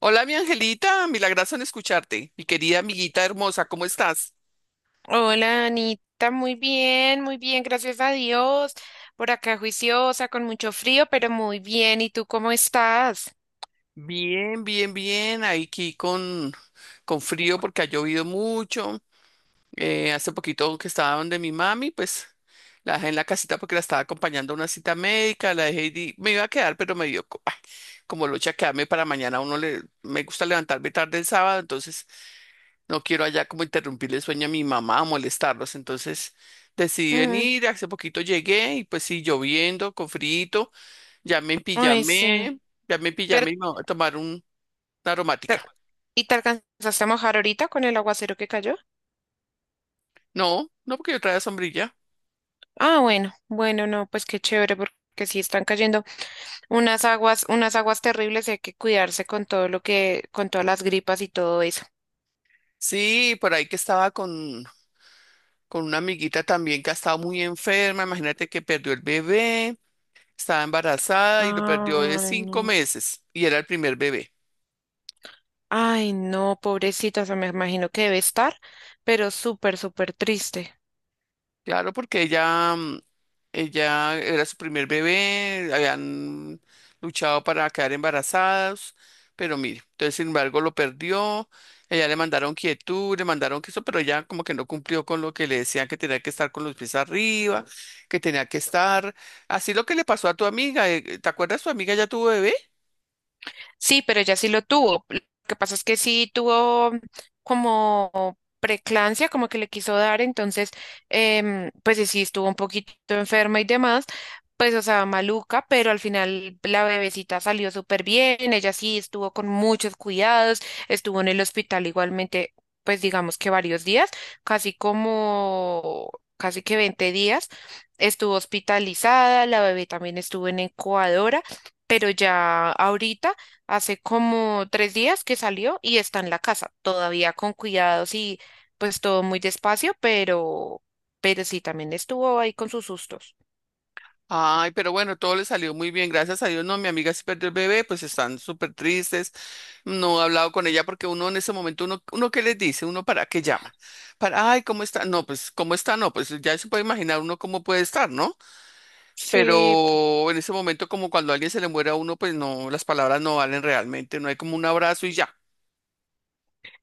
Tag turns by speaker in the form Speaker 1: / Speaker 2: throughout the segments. Speaker 1: Hola, mi angelita, milagroso en escucharte. Mi querida amiguita hermosa, ¿cómo estás?
Speaker 2: Hola, Anita, muy bien, gracias a Dios. Por acá juiciosa, con mucho frío, pero muy bien. ¿Y tú cómo estás?
Speaker 1: Bien, bien, bien. Aquí con frío porque ha llovido mucho. Hace poquito que estaba donde mi mami, pues la dejé en la casita porque la estaba acompañando a una cita médica. La dejé y me iba a quedar, pero me dio como locha quedarme para mañana. Me gusta levantarme tarde el sábado, entonces no quiero allá como interrumpirle el sueño a mi mamá, molestarlos. Entonces decidí
Speaker 2: Mm.
Speaker 1: venir, hace poquito llegué y pues sí, lloviendo, con frío, ya me
Speaker 2: Ay, sí.
Speaker 1: empillamé, ya me
Speaker 2: Pero,
Speaker 1: empillamé y me voy a tomar una
Speaker 2: te-
Speaker 1: aromática.
Speaker 2: ¿y te alcanzaste a mojar ahorita con el aguacero que cayó?
Speaker 1: No, no porque yo traía sombrilla.
Speaker 2: Ah, bueno, bueno, no, pues qué chévere, porque sí están cayendo unas aguas terribles y hay que cuidarse con todo lo que, con todas las gripas y todo eso.
Speaker 1: Sí, por ahí que estaba con una amiguita también que ha estado muy enferma, imagínate que perdió el bebé, estaba embarazada y lo perdió de
Speaker 2: Ay,
Speaker 1: cinco
Speaker 2: no.
Speaker 1: meses y era el primer bebé.
Speaker 2: Ay, no, pobrecita, o sea, me imagino que debe estar, pero súper, súper triste.
Speaker 1: Claro, porque ella era su primer bebé, habían luchado para quedar embarazadas, pero mire, entonces sin embargo lo perdió, ella le mandaron quietud, le mandaron que eso, pero ella como que no cumplió con lo que le decían que tenía que estar con los pies arriba, que tenía que estar, así lo que le pasó a tu amiga, ¿te acuerdas tu amiga ya tuvo bebé?
Speaker 2: Sí, pero ella sí lo tuvo. Lo que pasa es que sí tuvo como preclancia, como que le quiso dar, entonces, pues y sí estuvo un poquito enferma y demás, pues o sea, maluca, pero al final la bebecita salió súper bien. Ella sí estuvo con muchos cuidados, estuvo en el hospital igualmente, pues digamos que varios días, casi como, casi que 20 días, estuvo hospitalizada. La bebé también estuvo en incubadora, pero ya ahorita hace como 3 días que salió y está en la casa, todavía con cuidados y pues todo muy despacio, pero, sí, también estuvo ahí con sus sustos.
Speaker 1: Ay, pero bueno, todo le salió muy bien, gracias a Dios. No, mi amiga se perdió el bebé, pues están súper tristes. No he hablado con ella porque uno en ese momento, uno qué les dice, uno para qué llama. Para, ay, ¿cómo está? No, pues, ¿cómo está? No, pues ya se puede imaginar uno cómo puede estar, ¿no?
Speaker 2: Sí,
Speaker 1: Pero en ese momento, como cuando a alguien se le muere a uno, pues no, las palabras no valen realmente, no hay como un abrazo y ya.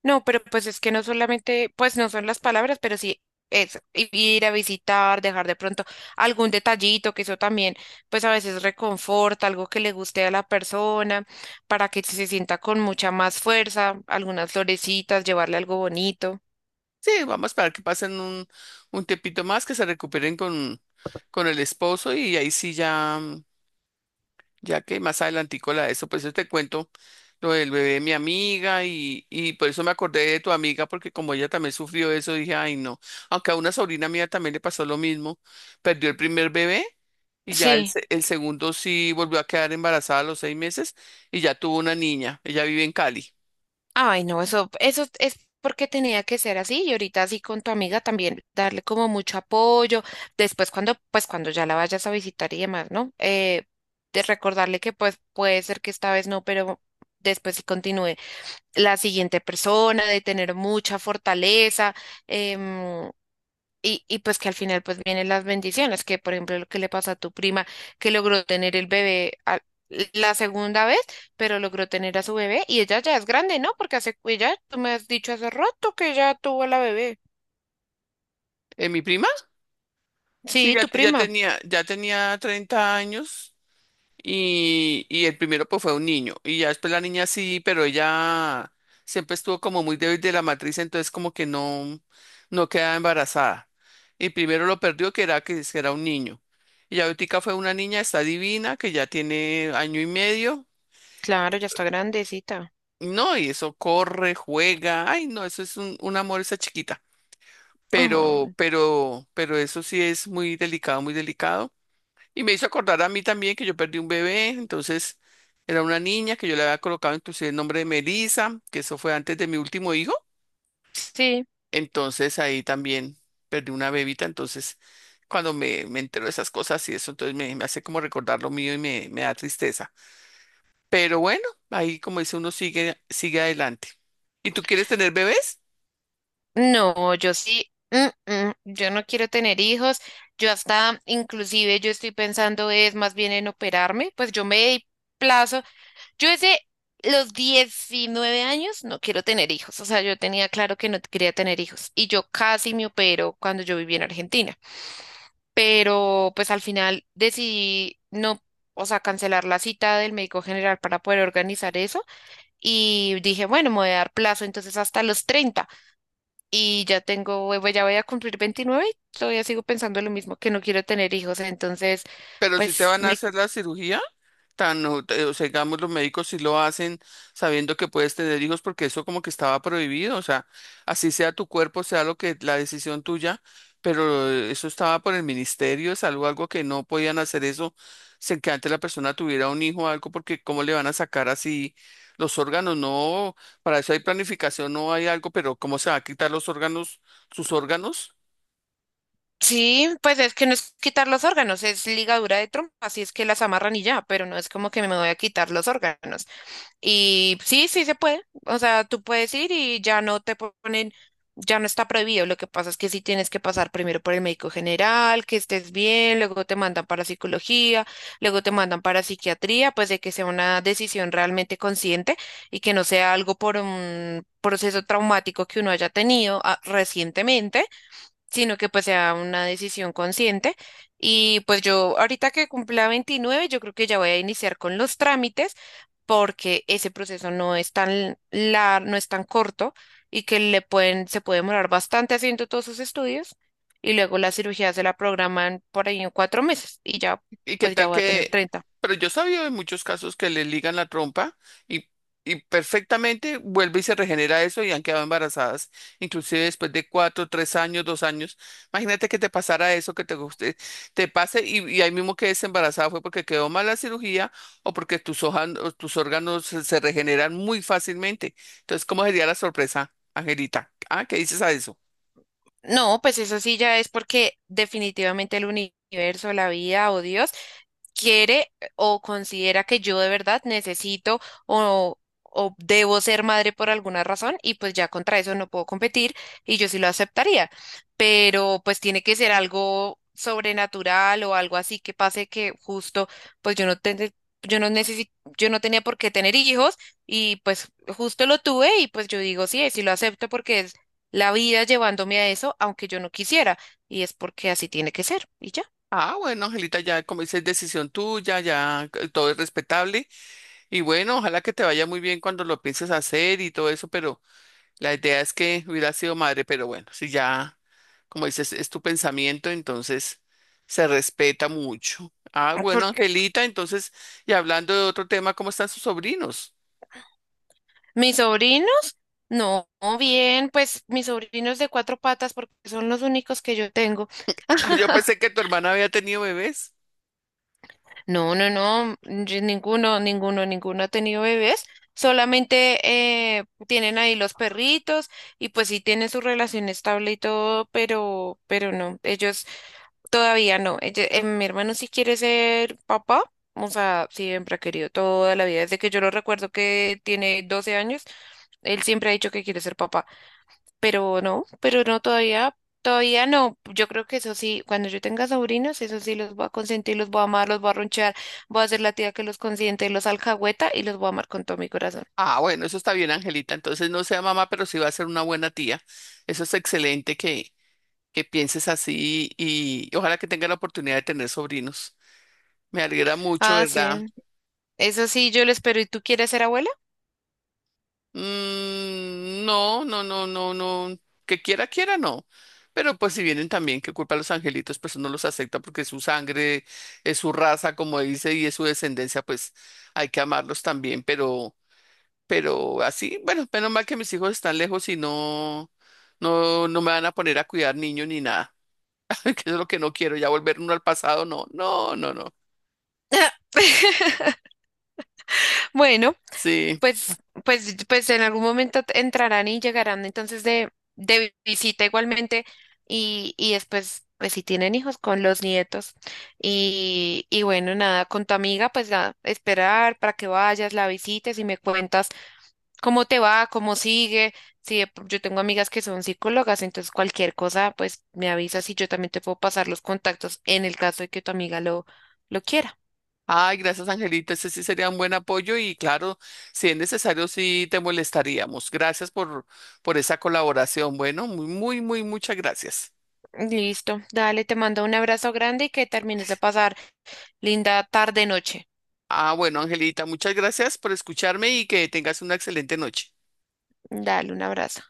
Speaker 2: no, pero pues es que no solamente, pues no son las palabras, pero sí eso, ir a visitar, dejar de pronto algún detallito, que eso también, pues a veces reconforta, algo que le guste a la persona, para que se sienta con mucha más fuerza, algunas florecitas, llevarle algo bonito.
Speaker 1: Sí, vamos a esperar que pasen un tiempito más, que se recuperen con el esposo y ahí sí ya, ya que más adelantico la de eso, pues yo te cuento lo del bebé de mi amiga y por eso me acordé de tu amiga, porque como ella también sufrió eso, dije, ay no, aunque a una sobrina mía también le pasó lo mismo, perdió el primer bebé y ya
Speaker 2: Sí.
Speaker 1: el segundo sí volvió a quedar embarazada a los 6 meses y ya tuvo una niña, ella vive en Cali.
Speaker 2: Ay, no, eso es porque tenía que ser así, y ahorita así con tu amiga también darle como mucho apoyo. Después cuando, pues cuando ya la vayas a visitar y demás, ¿no? De recordarle que pues puede ser que esta vez no, pero después sí continúe la siguiente persona, de tener mucha fortaleza. em, y pues que al final pues vienen las bendiciones, que por ejemplo lo que le pasa a tu prima, que logró tener el bebé la segunda vez, pero logró tener a su bebé y ella ya es grande, ¿no? Porque hace, ella, tú me has dicho hace rato que ya tuvo la bebé.
Speaker 1: ¿Eh, mi prima? Sí,
Speaker 2: Sí,
Speaker 1: ya,
Speaker 2: tu
Speaker 1: ya
Speaker 2: prima.
Speaker 1: tenía, ya tenía 30 años. Y el primero pues fue un niño. Y ya después la niña sí, pero ella siempre estuvo como muy débil de la matriz, entonces como que no, no quedaba embarazada. Y primero lo perdió que era que es que era un niño. Y ya ahorita fue una niña, está divina, que ya tiene año y medio.
Speaker 2: Claro, ya está grandecita.
Speaker 1: No, y eso corre, juega. Ay, no, eso es un amor esa chiquita. Pero,
Speaker 2: Ajá,
Speaker 1: pero, pero eso sí es muy delicado, muy delicado. Y me hizo acordar a mí también que yo perdí un bebé, entonces era una niña que yo le había colocado inclusive el nombre de Melissa, que eso fue antes de mi último hijo.
Speaker 2: sí.
Speaker 1: Entonces ahí también perdí una bebita, entonces cuando me entero de esas cosas y eso, entonces me hace como recordar lo mío y me da tristeza. Pero bueno, ahí como dice uno sigue, sigue adelante. ¿Y tú quieres tener bebés?
Speaker 2: No, yo sí. Yo no quiero tener hijos. Yo hasta, inclusive, yo estoy pensando es más bien en operarme. Pues yo me di plazo. Yo desde los 19 años no quiero tener hijos, o sea, yo tenía claro que no quería tener hijos y yo casi me opero cuando yo vivía en Argentina, pero pues al final decidí no, o sea, cancelar la cita del médico general para poder organizar eso, y dije, bueno, me voy a dar plazo entonces hasta los 30, y ya tengo, ya voy a cumplir 29 y todavía sigo pensando lo mismo, que no quiero tener hijos, entonces
Speaker 1: Pero si te
Speaker 2: pues
Speaker 1: van a
Speaker 2: me...
Speaker 1: hacer la cirugía tan, o o sea, digamos, los médicos sí lo hacen sabiendo que puedes tener hijos porque eso como que estaba prohibido, o sea, así sea tu cuerpo, sea lo que, la decisión tuya, pero eso estaba por el Ministerio de Salud, algo que no podían hacer eso, sin que antes la persona tuviera un hijo o algo, porque cómo le van a sacar así los órganos, no, para eso hay planificación, no hay algo, pero cómo se va a quitar los órganos, sus órganos.
Speaker 2: Sí, pues es que no es quitar los órganos, es ligadura de trompa, así es que las amarran y ya, pero no es como que me voy a quitar los órganos. Y sí, sí se puede, o sea, tú puedes ir y ya no te ponen, ya no está prohibido. Lo que pasa es que sí tienes que pasar primero por el médico general, que estés bien, luego te mandan para psicología, luego te mandan para psiquiatría, pues de que sea una decisión realmente consciente y que no sea algo por un proceso traumático que uno haya tenido recientemente, sino que pues sea una decisión consciente. Y pues yo ahorita que cumpla 29 yo creo que ya voy a iniciar con los trámites, porque ese proceso no es tan no es tan corto y que le pueden, se puede demorar bastante haciendo todos sus estudios, y luego la cirugía se la programan por ahí en 4 meses, y ya
Speaker 1: ¿Y qué
Speaker 2: pues ya
Speaker 1: tal
Speaker 2: voy a tener
Speaker 1: que...?
Speaker 2: 30.
Speaker 1: Pero yo sabía sabido de muchos casos que le ligan la trompa y, y perfectamente vuelve y se regenera eso y han quedado embarazadas, inclusive después de cuatro, 3 años, 2 años. Imagínate que te pasara eso, que te guste, te pase y ahí mismo quedes embarazada fue porque quedó mal la cirugía o porque tus hojas, o tus órganos se regeneran muy fácilmente. Entonces, ¿cómo sería la sorpresa, Angelita? Ah, ¿qué dices a eso?
Speaker 2: No, pues eso sí ya es porque definitivamente el universo, la vida o Dios quiere o considera que yo de verdad necesito o debo ser madre por alguna razón y pues ya contra eso no puedo competir y yo sí lo aceptaría. Pero pues tiene que ser algo sobrenatural o algo así que pase que justo pues yo no necesi- yo no tenía por qué tener hijos y pues justo lo tuve y pues yo digo sí, sí lo acepto porque es la vida llevándome a eso, aunque yo no quisiera, y es porque así tiene que ser, y ya.
Speaker 1: Ah, bueno, Angelita, ya como dices, decisión tuya, ya todo es respetable. Y bueno, ojalá que te vaya muy bien cuando lo pienses hacer y todo eso, pero la idea es que hubiera sido madre, pero bueno, si ya, como dices, es tu pensamiento, entonces se respeta mucho. Ah, bueno,
Speaker 2: Porque
Speaker 1: Angelita, entonces, y hablando de otro tema, ¿cómo están sus sobrinos?
Speaker 2: mis sobrinos, no, bien, pues mis sobrinos de cuatro patas, porque son los únicos que yo tengo.
Speaker 1: Ah, yo pensé que tu hermana había tenido bebés.
Speaker 2: No, no, no, ninguno, ninguno, ninguno ha tenido bebés, solamente tienen ahí los perritos y pues sí tienen su relación estable y todo, pero, no, ellos todavía no. Mi hermano sí quiere ser papá, o sea, siempre ha querido toda la vida, desde que yo lo recuerdo que tiene 12 años. Él siempre ha dicho que quiere ser papá, pero no, no todavía, todavía no. Yo creo que eso sí, cuando yo tenga sobrinos, eso sí los voy a consentir, los voy a amar, los voy a ronchar, voy a ser la tía que los consiente, los alcahueta y los voy a amar con todo mi corazón.
Speaker 1: Ah, bueno, eso está bien, Angelita. Entonces no sea mamá, pero sí va a ser una buena tía. Eso es excelente que pienses así y ojalá que tenga la oportunidad de tener sobrinos. Me alegra mucho,
Speaker 2: Ah,
Speaker 1: ¿verdad?
Speaker 2: sí, eso sí, yo lo espero. ¿Y tú quieres ser abuela?
Speaker 1: Mm, no, no, no, no, no. Que quiera, quiera, no. Pero pues si vienen también, ¿qué culpa a los angelitos, pues uno los acepta porque es su sangre, es su raza, como dice, y es su descendencia, pues hay que amarlos también. Pero así, bueno, menos mal que mis hijos están lejos y no, no, no me van a poner a cuidar niños ni nada. Que eso es lo que no quiero, ya volver uno al pasado, no, no, no, no.
Speaker 2: Bueno.
Speaker 1: Sí.
Speaker 2: Pues, pues, pues en algún momento entrarán y llegarán entonces de visita igualmente y después, pues si tienen hijos con los nietos, y bueno, nada, con tu amiga, pues nada, esperar para que vayas, la visites y me cuentas cómo te va, cómo sigue. Si de yo tengo amigas que son psicólogas, entonces cualquier cosa, pues me avisas y yo también te puedo pasar los contactos en el caso de que tu amiga lo quiera.
Speaker 1: Ay, gracias, Angelito. Ese sí sería un buen apoyo y claro, si es necesario, sí te molestaríamos. Gracias por esa colaboración. Bueno, muy, muy, muy, muchas gracias.
Speaker 2: Listo, dale, te mando un abrazo grande y que termines de pasar linda tarde, noche.
Speaker 1: Ah, bueno, Angelita, muchas gracias por escucharme y que tengas una excelente noche.
Speaker 2: Dale un abrazo.